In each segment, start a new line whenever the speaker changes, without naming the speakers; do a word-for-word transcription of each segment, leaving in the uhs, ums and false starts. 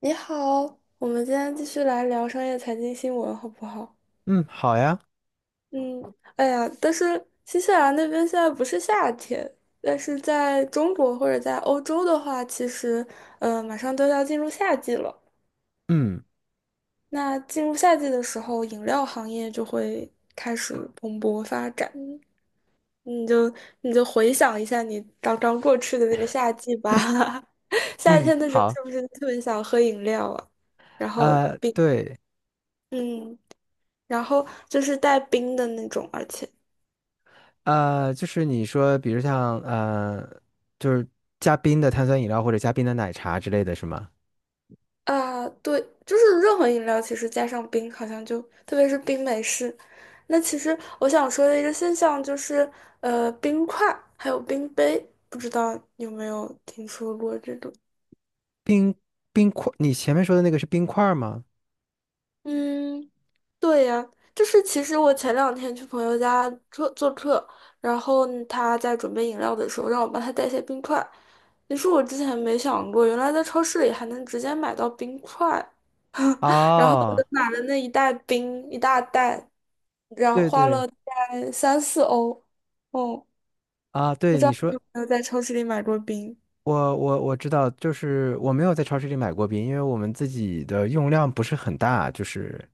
你好，我们今天继续来聊商业财经新闻，好不好？
嗯，好呀，
嗯，哎呀，但是新西兰那边现在不是夏天，但是在中国或者在欧洲的话，其实呃马上都要进入夏季了。
嗯
那进入夏季的时候，饮料行业就会开始蓬勃发展。你就你就回想一下你刚刚过去的那个夏季吧，夏
嗯，
天的时候是
好，
不是特别想喝饮料啊？然后
呃，
并
对，
嗯。然后就是带冰的那种，而且
呃，就是你说，比如像呃，就是加冰的碳酸饮料或者加冰的奶茶之类的是吗？
啊，对，就是任何饮料其实加上冰，好像就特别是冰美式。那其实我想说的一个现象就是，呃，冰块还有冰杯，不知道有没有听说过这种？
冰冰块，你前面说的那个是冰块儿吗？
嗯，对呀，就是其实我前两天去朋友家做做客，然后呢他在准备饮料的时候让我帮他带些冰块。你说我之前没想过，原来在超市里还能直接买到冰块，然后我就
哦，
买了那一袋冰，一大袋，然后
对
花
对
了大概三四欧。哦，
啊，
不
对，
知
你
道你
说，
有没有在超市里买过冰？
我我我知道，就是我没有在超市里买过冰，因为我们自己的用量不是很大，就是。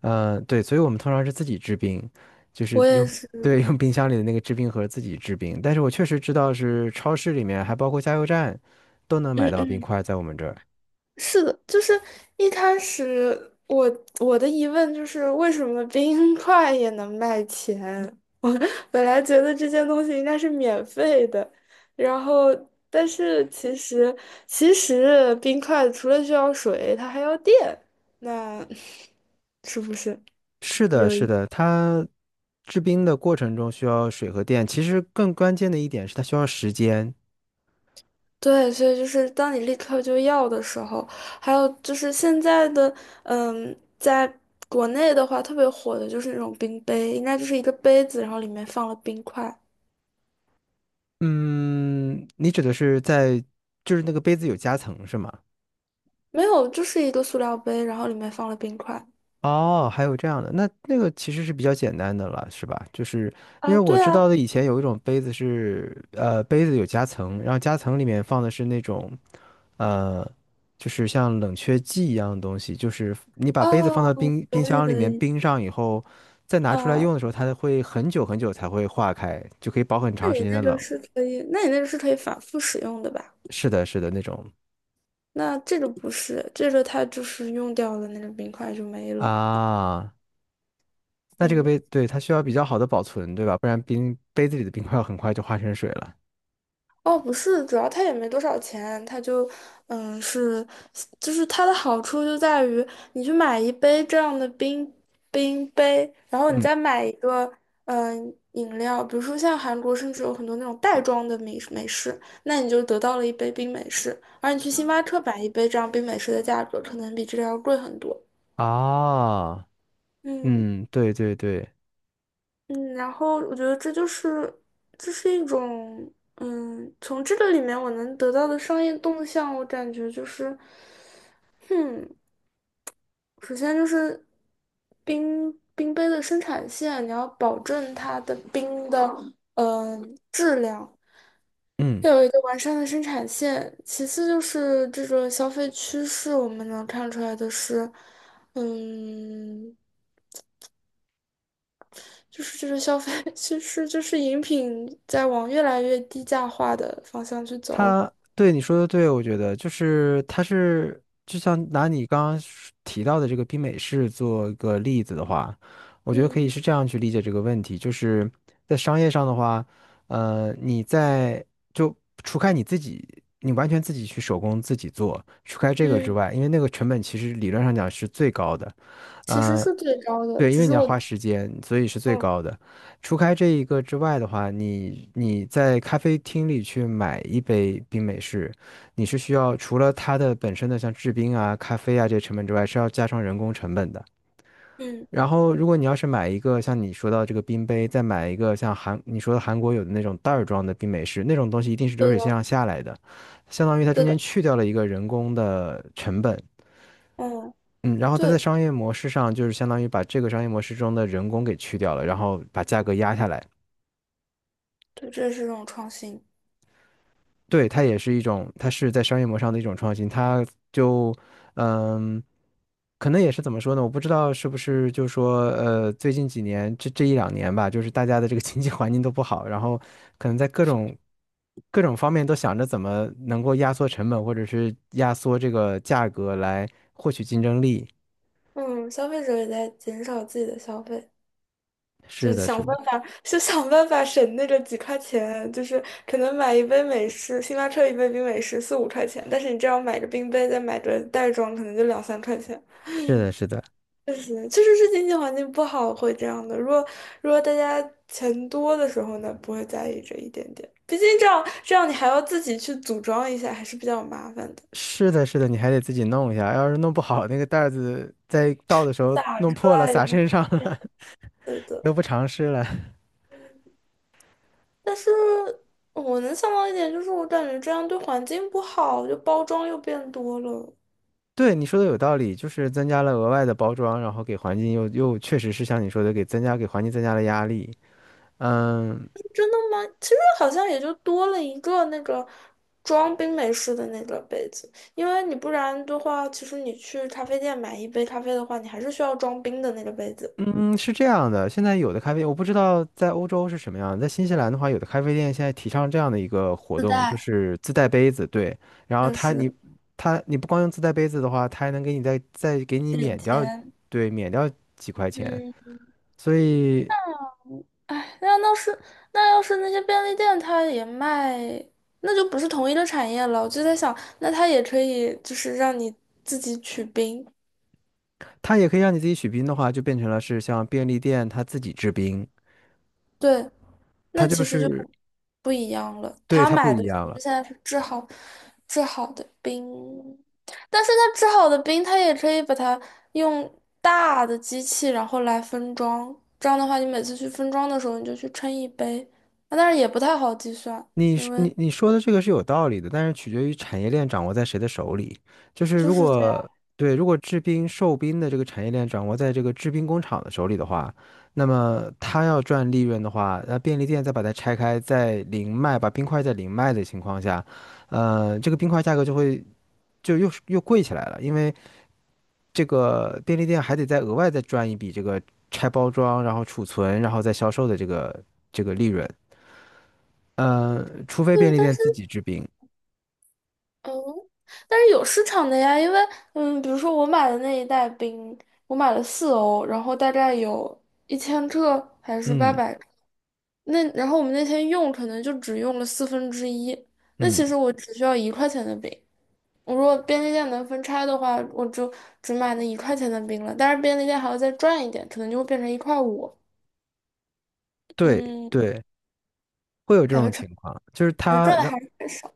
呃，对，所以我们通常是自己制冰，就是
我也
用，
是，
对，用冰箱里的那个制冰盒自己制冰。但是我确实知道是超市里面，还包括加油站，都能
嗯
买到冰
嗯。
块，在我们这儿。
是的，就是一开始我我的疑问就是为什么冰块也能卖钱？我本来觉得这些东西应该是免费的，然后但是其实其实冰块除了需要水，它还要电，那 是不是？
是的，
有？
是的，它制冰的过程中需要水和电，其实更关键的一点是它需要时间。
对，所以就是当你立刻就要的时候，还有就是现在的，嗯，在国内的话特别火的就是那种冰杯，应该就是一个杯子，然后里面放了冰块，
嗯，你指的是在，就是那个杯子有夹层是吗？
没有，就是一个塑料杯，然后里面放了冰块。
哦，还有这样的，那那个其实是比较简单的了，是吧？就是因为
啊，
我
对
知道
啊，
的，以前有一种杯子是，呃，杯子有夹层，然后夹层里面放的是那种，呃，就是像冷却剂一样的东西，就是你把杯子
哦，
放到
我
冰冰
懂你
箱里
的
面
意，
冰上以后，再拿出来
啊，
用的时候，它会很久很久才会化开，就可以保很
那
长
你
时间的
那个
冷。
是可以，那你那个是可以反复使用的吧？
是的，是的，那种
那这个不是，这个它就是用掉了那个冰块就没了，
啊，那这个
嗯。
杯，对，它需要比较好的保存，对吧？不然冰杯子里的冰块很快就化成水了。
哦，不是，主要它也没多少钱，它就，嗯，是，就是它的好处就在于，你去买一杯这样的冰冰杯，然后你
嗯。
再买一个，嗯、饮料，比如说像韩国甚至有很多那种袋装的美美式，那你就得到了一杯冰美式，而你去星巴克买一杯这样冰美式的价格，可能比这个要贵很多。
啊，
嗯。
嗯，对对对，
嗯，然后我觉得这就是，这是一种，嗯，从这个里面我能得到的商业动向，我感觉就是，嗯，首先就是冰冰杯的生产线，你要保证它的冰的嗯、呃质量，
嗯，
要有一个完善的生产线。其次就是这个消费趋势，我们能看出来的是，嗯。就是这个消费，其实就是饮品在往越来越低价化的方向去走。
他对你说的对，我觉得就是他是就像拿你刚刚说提到的这个冰美式做一个例子的话，我觉得可
嗯
以是这样去理解这个问题，就是在商业上的话，呃，你在就除开你自己，你完全自己去手工自己做，除开这个之
嗯，
外，因为那个成本其实理论上讲是最高的。
其实
呃，
是最高的，
对，因
只
为你
是
要
我
花时间，所以是最
嗯
高的。除开这一个之外的话，你你在咖啡厅里去买一杯冰美式，你是需要除了它的本身的像制冰啊、咖啡啊这些成本之外，是要加上人工成本的。
嗯，
然后，如果你要是买一个像你说到这个冰杯，再买一个像韩你说的韩国有的那种袋儿装的冰美式，那种东西一定是流
对
水线
的
上下来的，相当于它中
对
间
的，
去掉了一个人工的成本。
嗯
嗯，然后它在
对
商业模式上，就是相当于把这个商业模式中的人工给去掉了，然后把价格压下来。
对，这是一种创新。
对，它也是一种，它是在商业模式上的一种创新。它就，嗯，可能也是怎么说呢？我不知道是不是就是说，呃，最近几年这这一两年吧，就是大家的这个经济环境都不好，然后可能在各种各种方面都想着怎么能够压缩成本，或者是压缩这个价格来获取竞争力。
嗯，消费者也在减少自己的消费，就
是的，是
想
的，
办法，就想办法省那个几块钱，就是可能买一杯美式，星巴克一杯冰美式四五块钱，但是你这样买个冰杯，再买个袋装，可能就两三块钱。
是的，是的。
确实，确实是经济环境不好会这样的。如果如果大家钱多的时候呢，不会在意这一点点。毕竟这样这样你还要自己去组装一下，还是比较麻烦的。
是的，是的，你还得自己弄一下，要是弄不好，那个袋儿子在倒的时候
打
弄
出
破了，
来也
洒
不是
身上了，
对 的。
得不偿失了。
嗯但是我能想到一点，就是我感觉这样对环境不好，就包装又变多了。
对，你说的有道理，就是增加了额外的包装，然后给环境又又确实是像你说的，给增加给环境增加了压力。嗯，
真的吗？其实好像也就多了一个那个装冰美式的那个杯子，因为你不然的话，其实你去咖啡店买一杯咖啡的话，你还是需要装冰的那个杯子，
嗯，是这样的，现在有的咖啡，我不知道在欧洲是什么样，在新西兰的话，有的咖啡店现在提倡这样的一个活
自
动，就
带。
是自带杯子，对，然后
就
他你
是
他你不光用自带杯子的话，他还能给你再再给你
点
免掉，
钱。
对，免掉几块钱，
嗯，
所以
哎，那要是那要是那些便利店它也卖，那就不是同一个产业了。我就在想，那它也可以就是让你自己取冰，
它也可以让你自己取冰的话，就变成了是像便利店他自己制冰，
对。
它
那其
就
实就
是
不一样了。
对
他
它不
买的
一
其
样
实
了。
现在是制好制好的冰，但是他制好的冰，他也可以把它用大的机器，然后来分装。这样的话，你每次去分装的时候，你就去称一杯，啊但是也不太好计算，
你
因
是
为
你你说的这个是有道理的，但是取决于产业链掌握在谁的手里。就是
就
如
是这样。
果对，如果制冰售冰的这个产业链掌握在这个制冰工厂的手里的话，那么他要赚利润的话，那便利店再把它拆开，再零卖，把冰块再零卖的情况下，呃，这个冰块价格就会就又又贵起来了，因为这个便利店还得再额外再赚一笔这个拆包装，然后储存，然后再销售的这个这个利润。呃，除非便
对，
利
但
店
是
自己制冰。
嗯，但是有市场的呀，因为嗯，比如说我买的那一袋冰，我买了四欧，然后大概有一千克还是八
嗯
百。那然后我们那天用可能就只用了四分之一，那
嗯，
其实我只需要一块钱的冰。我如果便利店能分拆的话，我就只买那一块钱的冰了。但是便利店还要再赚一点，可能就会变成一块五。
对
嗯，
对，会有这
感
种
觉赚
情况，就是
感觉
他
赚的
让，
还是很少。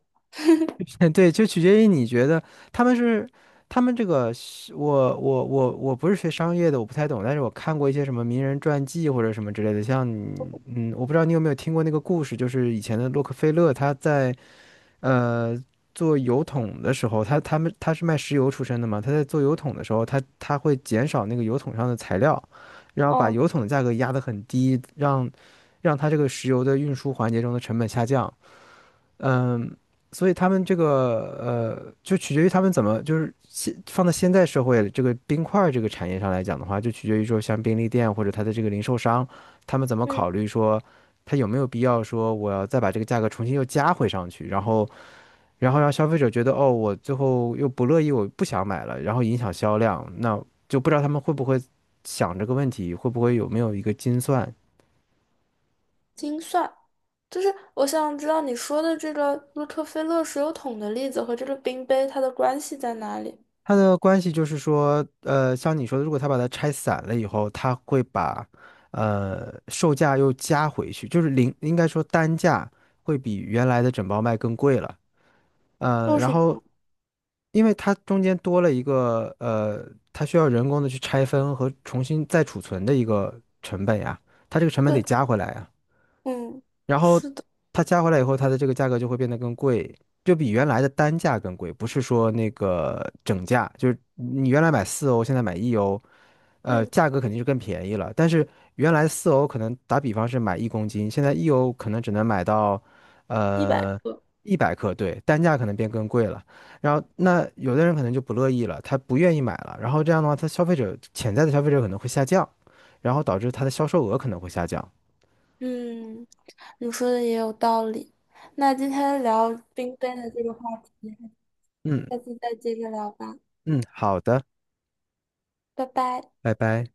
对，就取决于你觉得他们是他们这个是我我我我不是学商业的，我不太懂，但是我看过一些什么名人传记或者什么之类的，像你嗯，我不知道你有没有听过那个故事，就是以前的洛克菲勒他在呃，做油桶的时候，他他们他是卖石油出身的嘛，他在做油桶的时候，他他会减少那个油桶上的材料，然后把
哦，
油桶的价格压得很低，让让它这个石油的运输环节中的成本下降。嗯，所以他们这个呃，就取决于他们怎么就是现放到现在社会这个冰块儿这个产业上来讲的话，就取决于说像便利店或者它的这个零售商，他们怎么
嗯，
考虑说。他有没有必要说我要再把这个价格重新又加回上去，然后然后让消费者觉得哦，我最后又不乐意，我不想买了，然后影响销量，那就不知道他们会不会想这个问题，会不会有没有一个精算？
精算就是我想知道你说的这个洛克菲勒石油桶的例子和这个冰杯它的关系在哪里？
它的关系就是说，呃，像你说的，如果他把它拆散了以后，他会把呃售价又加回去，就是零，应该说单价会比原来的整包卖更贵了。呃，
为
然
什
后
么？
因为它中间多了一个呃，它需要人工的去拆分和重新再储存的一个成本呀，它这个成本得
对，
加回来呀。
嗯，
然后
是的，
它加回来以后，它的这个价格就会变得更贵，就比原来的单价更贵，不是说那个整价，就是你原来买四欧，现在买一欧，呃，
嗯，
价格肯定是更便宜了。但是原来四欧可能打比方是买一公斤，现在一欧可能只能买到
一百
呃
个。
一百克，对，单价可能变更贵了。然后那有的人可能就不乐意了，他不愿意买了，然后这样的话，他消费者潜在的消费者可能会下降，然后导致它的销售额可能会下降。
嗯，你说的也有道理。那今天聊冰杯的这个话题，
嗯
下次再接着聊吧，
嗯，好的。
拜拜。
拜拜。